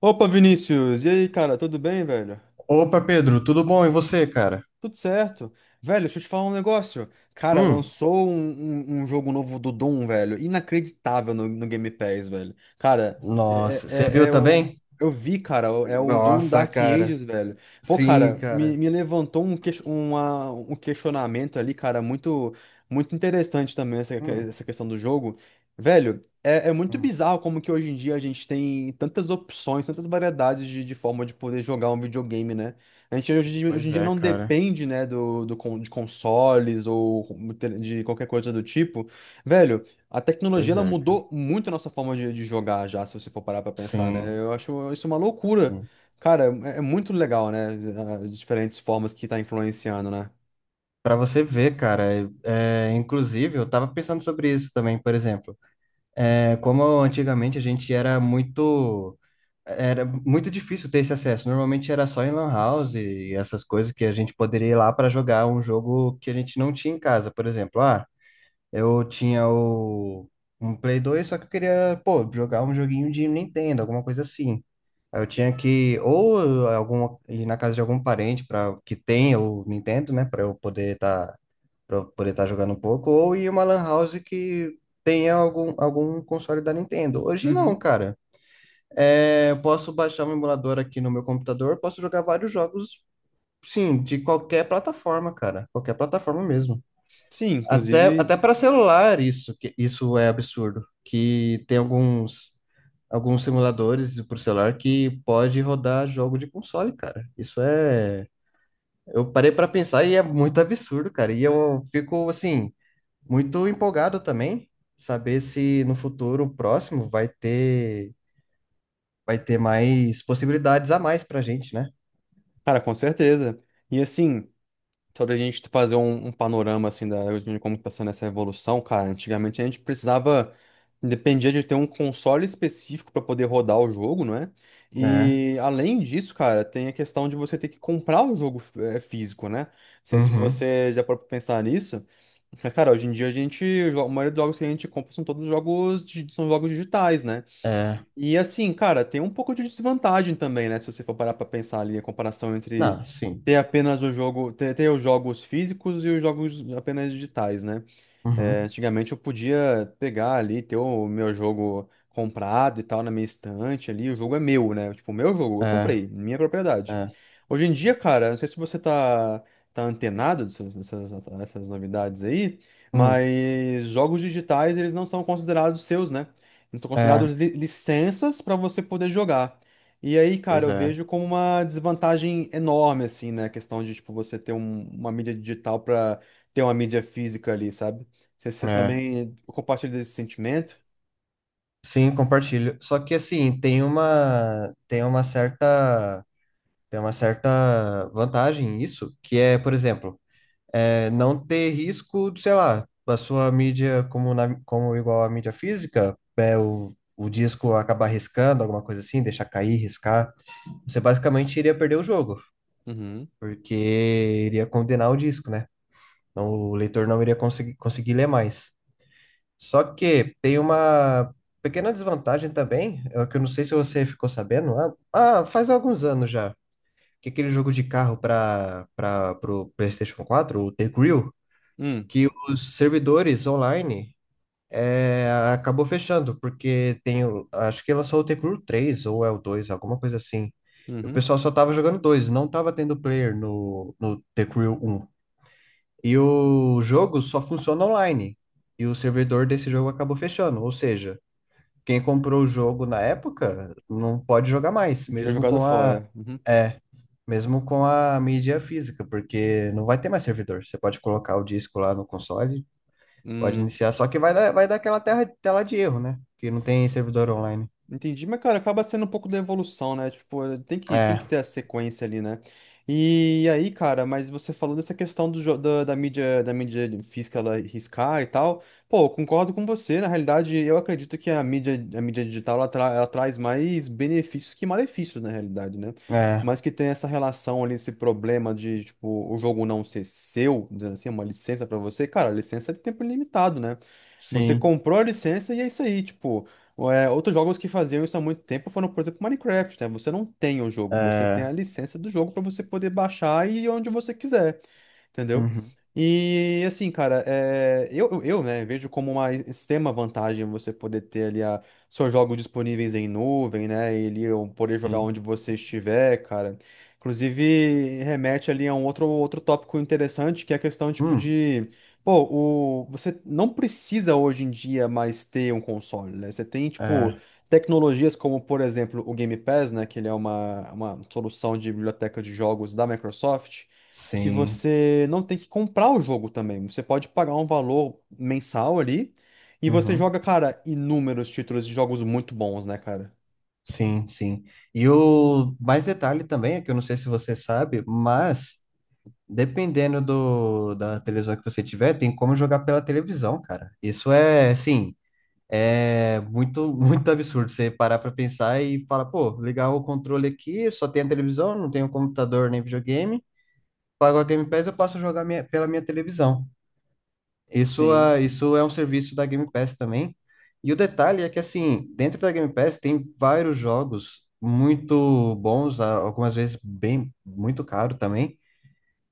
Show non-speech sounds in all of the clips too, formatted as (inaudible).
Opa, Vinícius! E aí, cara, tudo bem, velho? Opa, Pedro, tudo bom? E você, cara? Tudo certo. Velho, deixa eu te falar um negócio. Cara, Hum. lançou um jogo novo do Doom, velho. Inacreditável no Game Pass, velho. Cara, é, Nossa, é, você é viu é o. também? Eu vi, cara, é o Doom Nossa, Dark cara. Ages, velho. Pô, Sim, cara, me, cara. me levantou um questionamento ali, cara, muito, muito interessante também Hum, essa questão do jogo. Velho, é muito hum. bizarro como que hoje em dia a gente tem tantas opções, tantas variedades de forma de poder jogar um videogame, né? A gente hoje em Pois dia é, não cara. depende, né, de consoles ou de qualquer coisa do tipo. Velho, a tecnologia Pois ela é, cara. mudou muito a nossa forma de jogar já, se você for parar pra pensar, né? Sim, Eu acho isso uma loucura. sim. Cara, é muito legal, né? As diferentes formas que tá influenciando, né? Para você ver, cara, inclusive, eu tava pensando sobre isso também, por exemplo. É, como antigamente a gente era muito. Era muito difícil ter esse acesso. Normalmente era só em lan house e essas coisas que a gente poderia ir lá para jogar um jogo que a gente não tinha em casa, por exemplo. Ah, eu tinha um Play 2, só que eu queria, pô, jogar um joguinho de Nintendo, alguma coisa assim. Aí eu tinha que ir na casa de algum parente para que tenha o Nintendo, né, para eu poder estar jogando um pouco, ou ir uma lan house que tenha algum console da Nintendo. Hoje não, Uhum. cara. É, eu posso baixar um emulador aqui no meu computador, posso jogar vários jogos, sim, de qualquer plataforma, cara, qualquer plataforma mesmo. Sim, Até, inclusive, até para celular isso, isso é absurdo. Que tem alguns simuladores para celular que pode rodar jogo de console, cara. Isso é. Eu parei para pensar e é muito absurdo, cara. E eu fico, assim, muito empolgado também, saber se no futuro próximo vai ter mais possibilidades a mais pra gente, né? cara, com certeza. E assim. Só da gente fazer um panorama assim de como está sendo essa evolução, cara. Antigamente a gente precisava, dependia de ter um console específico para poder rodar o jogo, não é? Né? E além disso, cara, tem a questão de você ter que comprar o jogo físico, né? Não sei se Uhum. você já parou pra pensar nisso. Mas, cara, hoje em dia a gente, a maioria dos jogos que a gente compra são todos jogos, são jogos digitais, né? É. E assim, cara, tem um pouco de desvantagem também, né? Se você for parar pra pensar ali a comparação entre Não, sim. ter apenas o jogo, ter os jogos físicos e os jogos apenas digitais, né? É, Uhum. antigamente eu podia pegar ali, ter o meu jogo comprado e tal na minha estante ali. O jogo é meu, né? Tipo, o meu jogo, eu É. comprei, minha propriedade. É. Hoje em dia, cara, não sei se você tá, tá antenado dessas novidades aí, Hum. mas jogos digitais, eles não são considerados seus, né? Eles são É. considerados licenças para você poder jogar. E aí, cara, Pois eu é. vejo como uma desvantagem enorme, assim, né? A questão de, tipo, uma mídia digital para ter uma mídia física ali, sabe? Você É. também tipo, compartilha desse sentimento? Sim, compartilho. Só que assim, tem uma certa vantagem nisso, que é, por exemplo, não ter risco, de, sei lá, da sua mídia como igual a mídia física, o disco acabar riscando, alguma coisa assim, deixar cair, riscar. Você basicamente iria perder o jogo, Uhum. porque iria condenar o disco, né? Então, o leitor não iria conseguir ler mais. Só que tem uma pequena desvantagem também, é que eu não sei se você ficou sabendo, faz alguns anos já, que aquele jogo de carro para o PlayStation 4, o The Grill, Hum. que os servidores online acabou fechando, porque acho que lançou o The Crew 3 ou é o 2, alguma coisa assim. E o Uhum. pessoal só tava jogando dois, não tava tendo player no The Crew um. E o jogo só funciona online. E o servidor desse jogo acabou fechando, ou seja, quem comprou o jogo na época não pode jogar mais, De mesmo jogado fora. Uhum. é, mesmo com a mídia física, porque não vai ter mais servidor. Você pode colocar o disco lá no console, pode Hum. iniciar, só que vai dar aquela tela de erro, né? Que não tem servidor online. Entendi, mas cara, acaba sendo um pouco da evolução, né? Tipo, eh, tem que É, ter a sequência ali, né? E aí, cara, mas você falou dessa questão do, jo- da, da mídia física ela riscar e tal. Pô, eu concordo com você. Na realidade, eu acredito que a mídia digital ela, ela traz mais benefícios que malefícios, na realidade, né? é, Mas que tem essa relação ali, esse problema de, tipo, o jogo não ser seu, dizendo assim, é uma licença pra você. Cara, a licença é de tempo ilimitado, né? Você sim, comprou a licença e é isso aí, tipo, é, outros jogos que faziam isso há muito tempo foram, por exemplo, Minecraft, né? Você não tem o jogo, você tem é, a licença do jogo para você poder baixar e ir onde você quiser. Entendeu? uhum, E assim, cara, é, eu, né, vejo como uma extrema vantagem você poder ter ali a, seus jogos disponíveis em nuvem, né? E ali eu poder jogar sim, onde você estiver, cara. Inclusive, remete ali a um outro tópico interessante, que é a questão, tipo, hum, de. Pô, você não precisa hoje em dia mais ter um console, né? Você tem, tipo, é, tecnologias como, por exemplo, o Game Pass, né? Que ele é uma solução de biblioteca de jogos da Microsoft que sim, você não tem que comprar o jogo também. Você pode pagar um valor mensal ali e você uhum, joga, cara, inúmeros títulos de jogos muito bons, né, cara? sim, sim. E o mais detalhe também, é que eu não sei se você sabe, mas, dependendo da televisão que você tiver, tem como jogar pela televisão, cara. Isso é, assim, é muito, (laughs) muito absurdo você parar pra pensar e falar, pô, ligar o controle aqui, só tem a televisão, não tenho computador nem videogame. Pago a Game Pass, eu posso jogar pela minha televisão. Isso, Sim. ah, isso é um serviço da Game Pass também. E o detalhe é que, assim, dentro da Game Pass tem vários jogos muito bons, algumas vezes bem, muito caro também,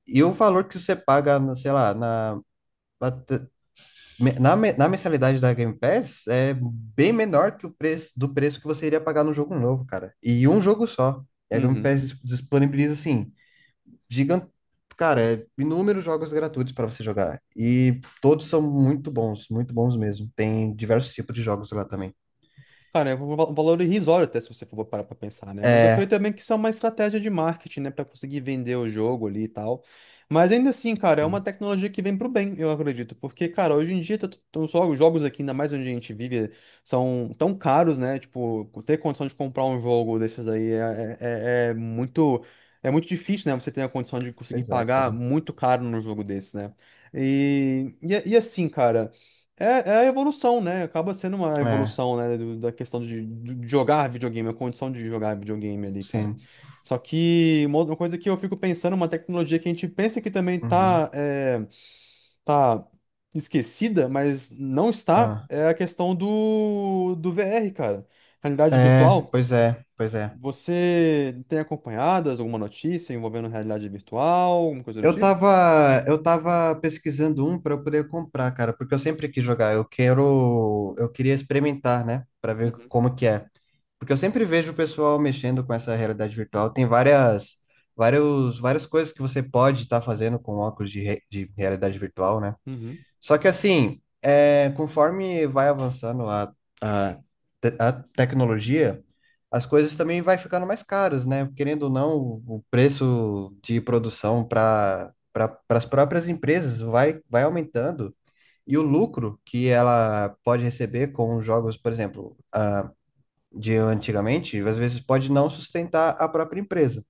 e o valor que você paga, sei lá, na mensalidade da Game Pass é bem menor que o preço que você iria pagar no jogo novo, cara. E um jogo só. E a Game Uhum. Pass disponibiliza, assim, gigante, cara, inúmeros jogos gratuitos para você jogar. E todos são muito bons mesmo. Tem diversos tipos de jogos lá também. Cara, é um valor irrisório até se você for parar pra pensar, né? Mas eu creio É, também que isso é uma estratégia de marketing, né? Pra conseguir vender o jogo ali e tal. Mas ainda assim, cara, é uma sim, tecnologia que vem pro bem, eu acredito. Porque, cara, hoje em dia, tá tão só os jogos aqui, ainda mais onde a gente vive, são tão caros, né? Tipo, ter condição de comprar um jogo desses aí é, é muito... É muito difícil, né? Você ter a condição de conseguir pois é, pagar cara. muito caro num jogo desse, né? E assim, cara... É, é a evolução, né? Acaba sendo uma É, evolução, né? Da questão de jogar videogame, a condição de jogar videogame ali, cara. sim. Só que uma outra coisa que eu fico pensando, uma tecnologia que a gente pensa que também Uhum. tá, é, tá esquecida, mas não está, Ah. é a questão do VR, cara. Realidade É, virtual. pois é, pois é. Você tem acompanhado alguma notícia envolvendo realidade virtual, alguma coisa do Eu tipo? tava, eu tava pesquisando um para eu poder comprar, cara, porque eu sempre quis jogar. Eu queria experimentar, né, para ver Uhum. como que é. Porque eu sempre vejo o pessoal mexendo com essa realidade virtual. Tem várias, várias coisas que você pode estar fazendo com óculos de realidade virtual, né? Uhum. Só que assim, conforme vai avançando a, a tecnologia, as coisas também vai ficando mais caras, né? Querendo ou não, o preço de produção para as próprias empresas vai, aumentando. E o lucro que ela pode receber com jogos, por exemplo, de antigamente, às vezes pode não sustentar a própria empresa.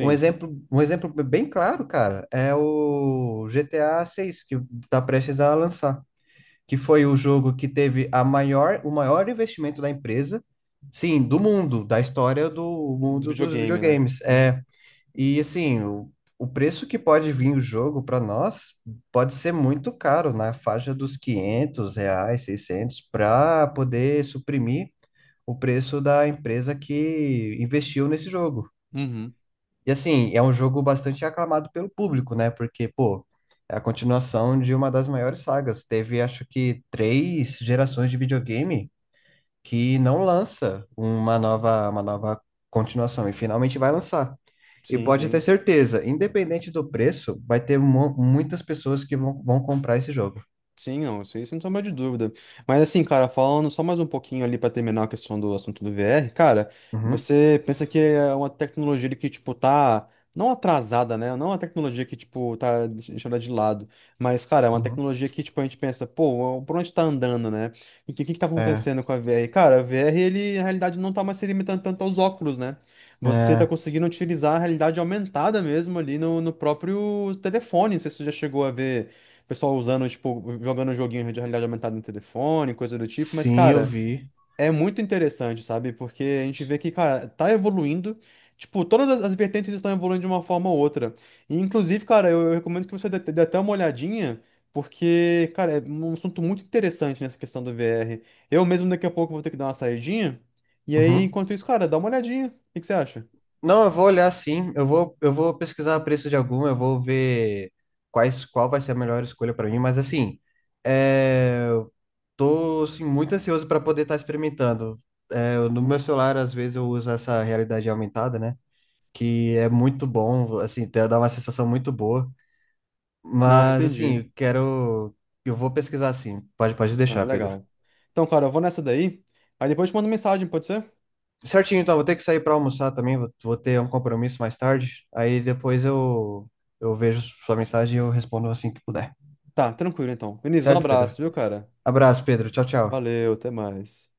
Um exemplo, um exemplo bem claro, cara, é o GTA 6 que está prestes a lançar, que foi o jogo que teve o maior investimento da empresa, sim, do mundo, da história do Do mundo dos videogame, né? videogames. Uhum. É, e assim, o preço que pode vir o jogo para nós pode ser muito caro, na faixa dos R$ 500, 600, para poder suprimir o preço da empresa que investiu nesse jogo. Uhum. E assim, é um jogo bastante aclamado pelo público, né? Porque, pô, é a continuação de uma das maiores sagas. Teve, acho que, três gerações de videogame que não lança uma nova, continuação, e finalmente vai lançar. E Sim, pode ter sim. certeza, independente do preço, vai ter muitas pessoas que vão, comprar esse jogo. Sim, não, isso aí sem sombra de dúvida. Mas assim, cara, falando só mais um pouquinho ali pra terminar a questão do assunto do VR, cara, Uhum, você pensa que é uma tecnologia ali que, tipo, tá não atrasada, né? Não é uma tecnologia que, tipo, tá deixando ela de lado. Mas, cara, é uma uhum. tecnologia que, tipo, a gente pensa, pô, por onde tá andando, né? E o que, que tá É, acontecendo com a VR? Cara, a VR, ele, na realidade, não tá mais se limitando tanto aos óculos, né? Você tá é, conseguindo utilizar a realidade aumentada mesmo ali no próprio telefone. Não sei se você já chegou a ver. O pessoal usando, tipo, jogando um joguinho de realidade aumentada no telefone, coisa do tipo. Mas, sim, eu cara, vi. é muito interessante, sabe? Porque a gente vê que, cara, tá evoluindo. Tipo, todas as as vertentes estão evoluindo de uma forma ou outra. E, inclusive, cara, eu recomendo que dê até uma olhadinha, porque, cara, é um assunto muito interessante nessa questão do VR. Eu mesmo daqui a pouco vou ter que dar uma saidinha. E aí, Uhum. enquanto isso, cara, dá uma olhadinha. O que que você acha? Não, eu vou olhar sim. eu vou pesquisar preço de algum, eu vou ver qual vai ser a melhor escolha para mim. Mas assim, eu tô assim, muito ansioso para poder estar experimentando. É, no meu celular, às vezes, eu uso essa realidade aumentada, né? Que é muito bom, assim, dá uma sensação muito boa. Não, Mas assim, entendi. eu quero. Eu vou pesquisar sim. Pode Não, deixar, Pedro. legal. Então, cara, eu vou nessa daí. Aí depois eu te mando mensagem, pode ser? Certinho, então, vou ter que sair para almoçar também, vou, ter um compromisso mais tarde. Aí depois eu vejo sua mensagem e eu respondo assim que puder. Tá, tranquilo então. Vinícius, um Certo, Pedro? abraço, viu, cara? Abraço, Pedro. Tchau, tchau. Valeu, até mais.